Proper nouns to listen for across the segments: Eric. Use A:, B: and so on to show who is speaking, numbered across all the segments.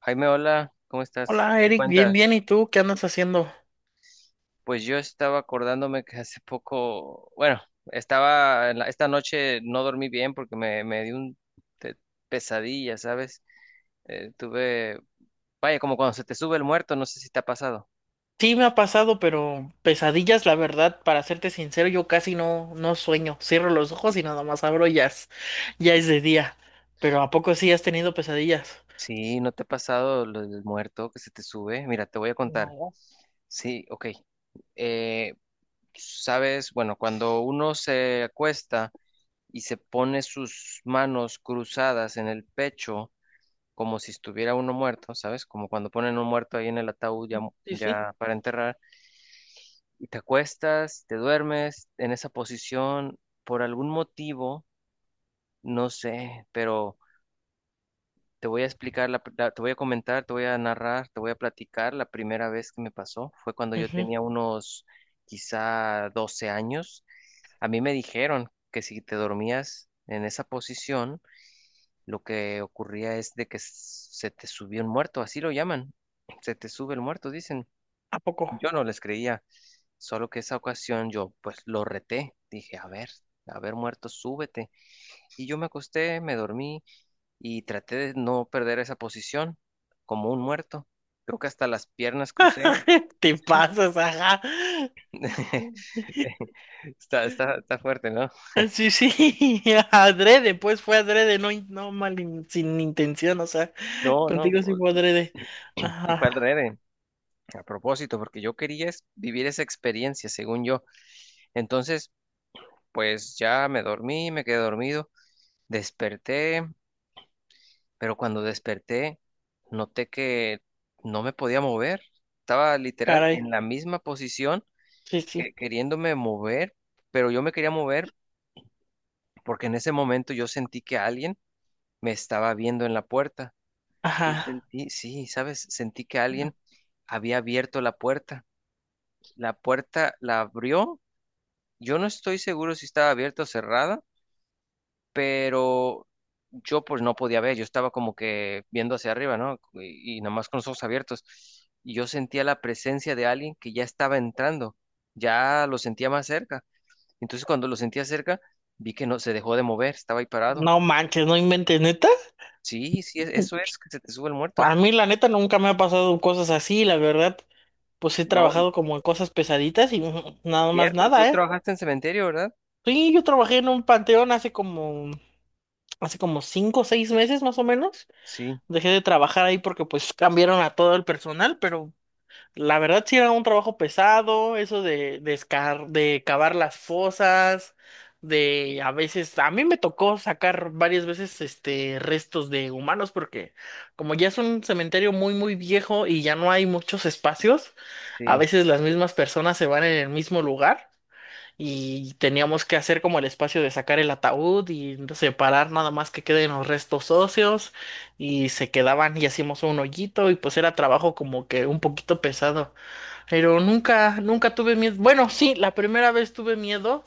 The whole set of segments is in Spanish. A: Jaime, hola, ¿cómo estás?
B: Hola
A: ¿Qué
B: Eric, bien,
A: cuentas?
B: bien, ¿y tú qué andas haciendo?
A: Pues yo estaba acordándome que hace poco, bueno, estaba, en la- esta noche no dormí bien porque me dio un te- pesadilla, ¿sabes? Tuve, vaya, como cuando se te sube el muerto, no sé si te ha pasado.
B: Sí, me ha pasado, pero pesadillas, la verdad, para serte sincero, yo casi no, no sueño. Cierro los ojos y nada más abro y ya es de día. Pero ¿a poco sí has tenido pesadillas?
A: Sí, ¿no te ha pasado lo del muerto que se te sube? Mira, te voy a contar.
B: No.
A: Sí, ok. Eh, ¿Sabes? Bueno, cuando uno se acuesta y se pone sus manos cruzadas en el pecho, como si estuviera uno muerto, ¿sabes? Como cuando ponen un muerto ahí en el ataúd ya, mu-
B: Sí, sí.
A: ya para enterrar, y te acuestas, te duermes en esa posición por algún motivo, no sé, pero te voy a explicar, la, pr- la- te voy a comentar, te voy a narrar, te voy a platicar. La primera vez que me pasó fue cuando yo
B: Ujú.
A: tenía unos quizá 12 años. A mí me dijeron que si te dormías en esa posición, lo que ocurría es de que s- se te subió un muerto, así lo llaman, se te sube el muerto, dicen.
B: ¿A poco?
A: Yo no les creía, solo que esa ocasión yo pues lo reté, dije, a ver muerto, súbete. Y yo me acosté, me dormí y traté de no perder esa posición como un muerto. Creo que hasta las piernas crucé.
B: Te
A: Sí,
B: pasas, ajá.
A: está fuerte, ¿no?
B: Sí, sí, adrede, pues fue adrede, no, no mal, sin intención, o sea,
A: No, no,
B: contigo sí fue adrede.
A: y fue al
B: Ajá,
A: adrede, a propósito, porque yo quería es- vivir esa experiencia, según yo. Entonces, pues ya me dormí, me quedé dormido, desperté, pero cuando desperté noté que no me podía mover. Estaba literal
B: caray,
A: en la misma posición
B: sí, sí,
A: que- queriéndome mover, pero yo me quería mover porque en ese momento yo sentí que alguien me estaba viendo en la puerta. Yo
B: ajá.
A: sentí, sí, sabes, sentí que alguien había abierto la puerta. La puerta la abrió. Yo no estoy seguro si estaba abierta o cerrada, pero yo pues no podía ver, yo estaba como que viendo hacia arriba, ¿no? Y nada más con los ojos abiertos. Y yo sentía la presencia de alguien que ya estaba entrando, ya lo sentía más cerca. Entonces cuando lo sentía cerca, vi que no se dejó de mover, estaba ahí parado.
B: No manches, no inventes, neta.
A: Sí, sí, es- eso es, que se te sube el muerto.
B: A mí la neta nunca me ha pasado cosas así, la verdad. Pues he
A: No, y-
B: trabajado como en cosas pesaditas y mm, nada más
A: cierto, tú
B: nada, ¿eh?
A: trabajaste en cementerio, ¿verdad?
B: Sí, yo trabajé en un panteón hace como cinco o seis meses más o menos.
A: Sí,
B: Dejé de trabajar ahí porque pues cambiaron a todo el personal, pero la verdad sí era un trabajo pesado, eso de, de cavar las fosas, de a veces, a mí me tocó sacar varias veces este restos de humanos porque como ya es un cementerio muy muy viejo y ya no hay muchos espacios, a
A: sí,
B: veces las mismas personas se van en el mismo lugar y teníamos que hacer como el espacio de sacar el ataúd y separar nada más que queden los restos óseos y se quedaban y hacíamos un hoyito y pues era trabajo como que un poquito pesado. Pero nunca, nunca tuve miedo. Bueno, sí, la primera vez tuve miedo,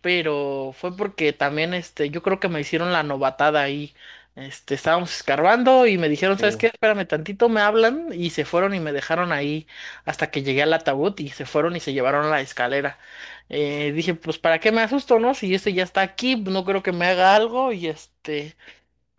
B: pero fue porque también, este, yo creo que me hicieron la novatada ahí. Este, estábamos escarbando y me dijeron,
A: sí,
B: ¿sabes qué? Espérame tantito, me hablan y se fueron y me dejaron ahí hasta que llegué al ataúd y se fueron y se llevaron la escalera. Dije, pues, ¿para qué me asusto, no? Si este ya está aquí, no creo que me haga algo y este,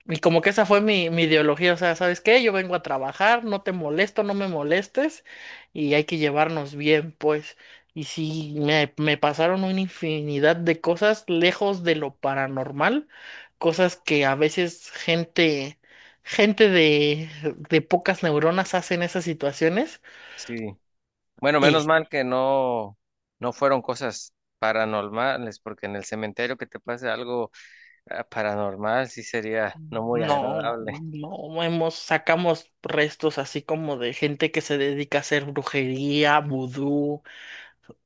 B: y como que esa fue mi, mi ideología, o sea, ¿sabes qué? Yo vengo a trabajar, no te molesto, no me molestes, y hay que llevarnos bien, pues. Y sí, me pasaron una infinidad de cosas lejos de lo paranormal, cosas que a veces gente, gente de pocas neuronas hace en esas situaciones,
A: sí. Bueno,
B: y
A: menos
B: sí,
A: mal que no, no fueron cosas paranormales, porque en el cementerio que te pase algo. Ah, paranormal sí sería no muy
B: no,
A: agradable.
B: no hemos, sacamos restos así como de gente que se dedica a hacer brujería, vudú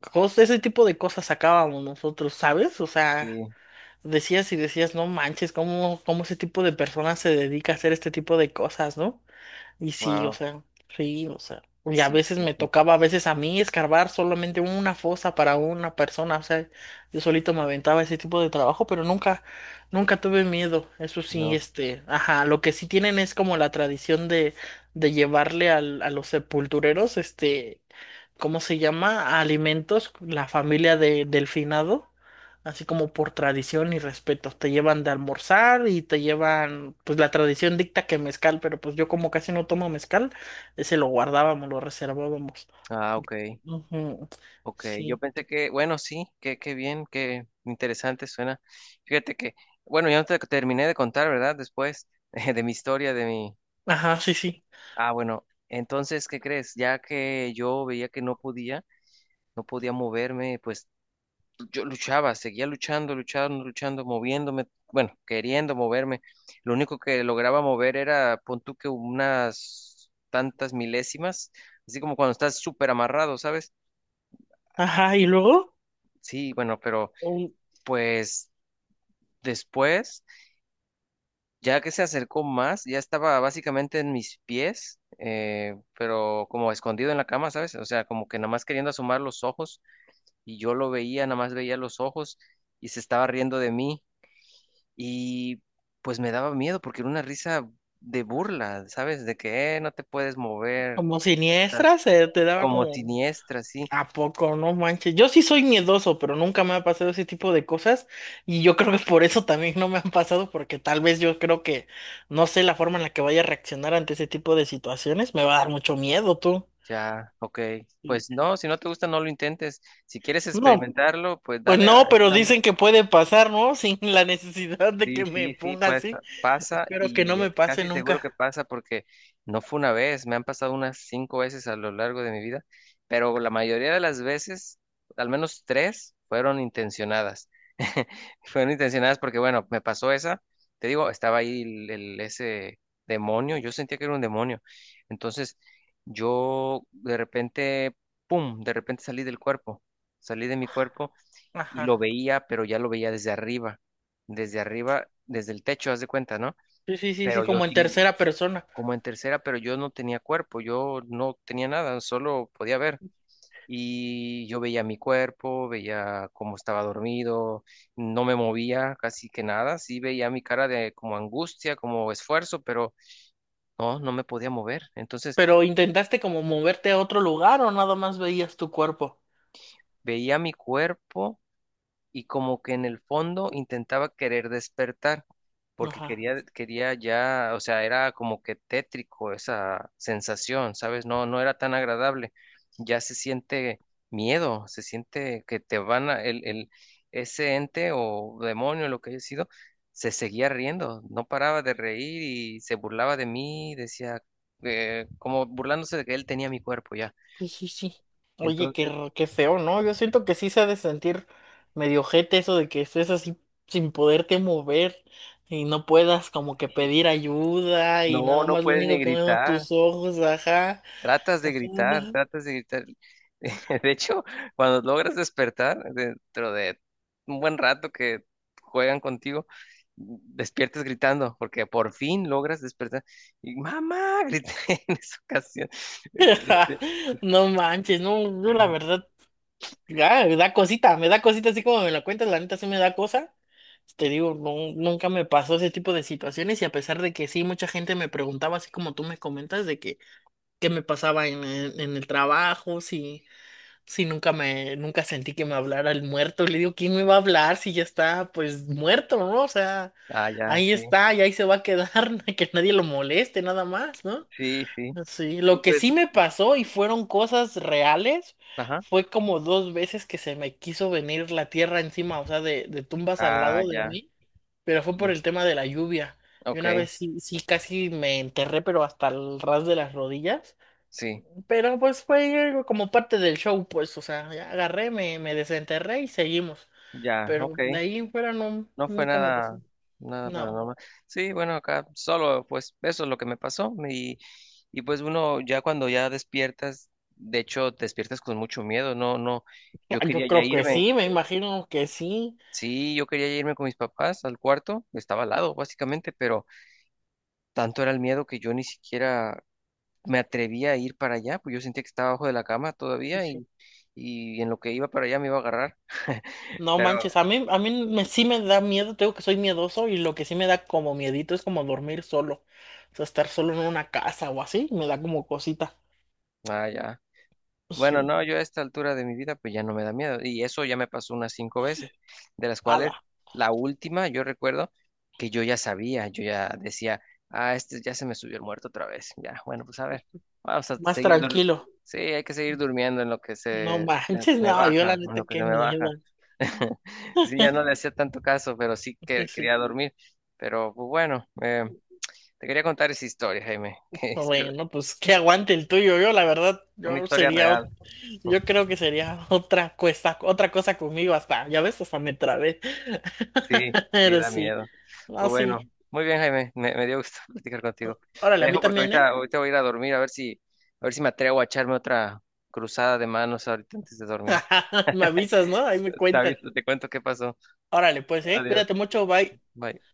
B: ese tipo de cosas sacábamos nosotros, ¿sabes? O sea,
A: Sí,
B: decías y decías, no manches, ¿cómo, cómo ese tipo de personas se dedica a hacer este tipo de cosas, ¿no? Y sí, o
A: wow,
B: sea, sí, o sea. Y a
A: sí,
B: veces
A: sí,
B: me
A: sí,
B: tocaba, a veces a mí, escarbar solamente una fosa para una persona. O sea, yo solito me aventaba ese tipo de trabajo, pero nunca, nunca tuve miedo. Eso sí,
A: no.
B: este, ajá, lo que sí tienen es como la tradición de llevarle al, a los sepultureros, este, ¿cómo se llama? Alimentos, la familia de, del finado, así como por tradición y respeto. Te llevan de almorzar y te llevan, pues la tradición dicta que mezcal, pero pues yo como casi no tomo mezcal, ese lo guardábamos, lo reservábamos.
A: Ah, ok,
B: Ujú,
A: ok. Yo
B: sí.
A: pensé que, bueno, sí, qué, qué bien, qué interesante suena. Fíjate que, bueno, ya no te terminé de contar, ¿verdad? Después de mi historia, de mi...
B: Ajá, sí, sí.
A: Ah, bueno, entonces, ¿qué crees? Ya que yo veía que no podía, no podía moverme, pues yo luchaba, seguía luchando, moviéndome, bueno, queriendo moverme. Lo único que lograba mover era, pon tú que unas tantas milésimas, así como cuando estás súper amarrado, ¿sabes?
B: Ajá, y luego,
A: Sí, bueno, pero
B: un-
A: pues después, ya que se acercó más, ya estaba básicamente en mis pies, pero como escondido en la cama, ¿sabes? O sea, como que nada más queriendo asomar los ojos, y yo lo veía, nada más veía los ojos y se estaba riendo de mí. Y pues me daba miedo porque era una risa de burla, ¿sabes? De que no te puedes mover,
B: como siniestras, se te daba
A: como
B: como
A: siniestra, sí.
B: ¿a poco? No manches. Yo sí soy miedoso, pero nunca me ha pasado ese tipo de cosas. Y yo creo que por eso también no me han pasado, porque tal vez yo creo que no sé la forma en la que vaya a reaccionar ante ese tipo de situaciones. Me va a dar mucho miedo, tú.
A: Ya, ok. Pues no, si no te gusta, no lo intentes. Si quieres
B: No,
A: experimentarlo, pues
B: pues
A: dale.
B: no, pero dicen que puede pasar, ¿no? Sin la necesidad de que
A: Sí,
B: me
A: sí, sí,
B: ponga
A: pues
B: así.
A: pasa
B: Espero que no
A: y es
B: me pase
A: casi seguro que
B: nunca.
A: pasa porque no fue una vez, me han pasado unas 5 veces a lo largo de mi vida, pero la mayoría de las veces, al menos tres, fueron intencionadas. Fueron intencionadas porque, bueno, me pasó esa, te digo, estaba ahí ese demonio, yo sentía que era un demonio. Entonces, yo de repente, ¡pum!, de repente salí del cuerpo, salí de mi cuerpo y lo
B: Ajá.
A: veía, pero ya lo veía desde arriba, desde el techo, haz de cuenta, ¿no?
B: Sí, sí, sí, sí,
A: Pero yo
B: como en
A: sin,
B: tercera persona.
A: como en tercera, pero yo no tenía cuerpo, yo no tenía nada, solo podía ver. Y yo veía mi cuerpo, veía cómo estaba dormido, no me movía casi que nada, sí veía mi cara de como angustia, como esfuerzo, pero no, no me podía mover. Entonces
B: Pero intentaste como moverte a otro lugar o nada más veías tu cuerpo.
A: veía mi cuerpo y como que en el fondo intentaba querer despertar, porque
B: Ajá.
A: quería ya, o sea, era como que tétrico esa sensación, ¿sabes? No, no era tan agradable. Ya se siente miedo, se siente que te van a, ese ente o demonio, lo que haya sido, se seguía riendo, no paraba de reír y se burlaba de mí, decía, como burlándose de que él tenía mi cuerpo ya.
B: Sí, sí, sí. Oye, qué,
A: Entonces,
B: qué feo, ¿no? Yo siento que sí se ha de sentir medio ojete eso de que estés así sin poderte mover y no puedas como que
A: sí,
B: pedir ayuda y
A: no,
B: nada
A: no
B: más lo
A: puedes ni
B: único que ven son
A: gritar.
B: tus ojos, ajá. Ajá.
A: Tratas de gritar. De hecho, cuando logras despertar, dentro de un buen rato que juegan contigo, despiertas gritando, porque por fin logras despertar. Y mamá, grité en esa ocasión. Este,
B: No manches, no, yo la verdad, ya, me da cosita así como me la cuentas, la neta sí me da cosa. Te digo, no, nunca me pasó ese tipo de situaciones y a pesar de que sí, mucha gente me preguntaba así como tú me comentas de que qué me pasaba en, en el trabajo, si, si nunca me, nunca sentí que me hablara el muerto. Le digo, ¿quién me va a hablar si ya está pues muerto, ¿no? O sea,
A: ah, ya,
B: ahí
A: sí,
B: está y ahí se va a quedar, que nadie lo moleste, nada más, ¿no?
A: sí, sí.
B: Sí,
A: Y
B: lo que
A: pues,
B: sí me pasó y fueron cosas reales
A: ajá.
B: fue como dos veces que se me quiso venir la tierra encima, o sea, de tumbas al
A: Ah,
B: lado de
A: ya,
B: mí, pero fue por
A: sí.
B: el tema de la lluvia. Y
A: Ok,
B: una vez sí, sí casi me enterré, pero hasta el ras de las rodillas.
A: sí,
B: Pero pues fue algo como parte del show, pues, o sea, ya agarré, me desenterré y seguimos.
A: ya,
B: Pero
A: ok.
B: de ahí en fuera no,
A: No fue
B: nunca me pasó.
A: nada, nada
B: No.
A: paranormal. Sí, bueno, acá solo, pues eso es lo que me pasó. Y pues uno ya cuando ya despiertas, de hecho, despiertas con mucho miedo. No, no, yo
B: Yo
A: quería ya
B: creo que
A: irme.
B: sí, me imagino que sí.
A: Sí, yo quería ya irme con mis papás al cuarto. Estaba al lado, básicamente, pero tanto era el miedo que yo ni siquiera me atrevía a ir para allá, pues yo sentía que estaba abajo de la cama
B: Sí,
A: todavía
B: sí.
A: y en lo que iba para allá me iba a agarrar.
B: No
A: Pero,
B: manches, a mí me, sí me da miedo, tengo que soy miedoso y lo que sí me da como miedito es como dormir solo. O sea, estar solo en una casa o así, me da como cosita.
A: ah, ya. Bueno,
B: Sí.
A: no, yo a esta altura de mi vida pues ya no me da miedo y eso ya me pasó unas 5 veces, de las cuales
B: Ala,
A: la última yo recuerdo que yo ya sabía, yo ya decía, ah, este ya se me subió el muerto otra vez, ya, bueno, pues a ver, vamos a
B: más
A: seguir, dur-
B: tranquilo.
A: sí, hay que seguir durmiendo en lo que
B: No
A: se
B: manches,
A: me
B: no, yo la
A: baja, en
B: neta,
A: lo que se
B: qué
A: me
B: miedo.
A: baja. Sí, ya no le hacía tanto caso, pero sí que quería dormir, pero pues bueno, te quería contar esa historia, Jaime, que es
B: Bueno, pues que aguante el tuyo. Yo, la verdad,
A: una
B: yo
A: historia
B: sería,
A: real.
B: yo creo que sería otra cosa conmigo hasta, ya ves, hasta me trabé.
A: Sí, sí,
B: Pero
A: da
B: sí,
A: miedo. Pues
B: no, sí.
A: bueno, muy bien, Jaime, me dio gusto platicar contigo. Te
B: Órale, a mí
A: dejo porque
B: también, ¿eh?
A: ahorita voy a ir a dormir a ver si me atrevo a echarme otra cruzada de manos ahorita antes de dormir.
B: Me avisas, ¿no? Ahí me
A: Te
B: cuentas.
A: aviso, te cuento qué pasó.
B: Órale, pues, ¿eh?
A: Adiós.
B: Cuídate mucho, bye.
A: Bye.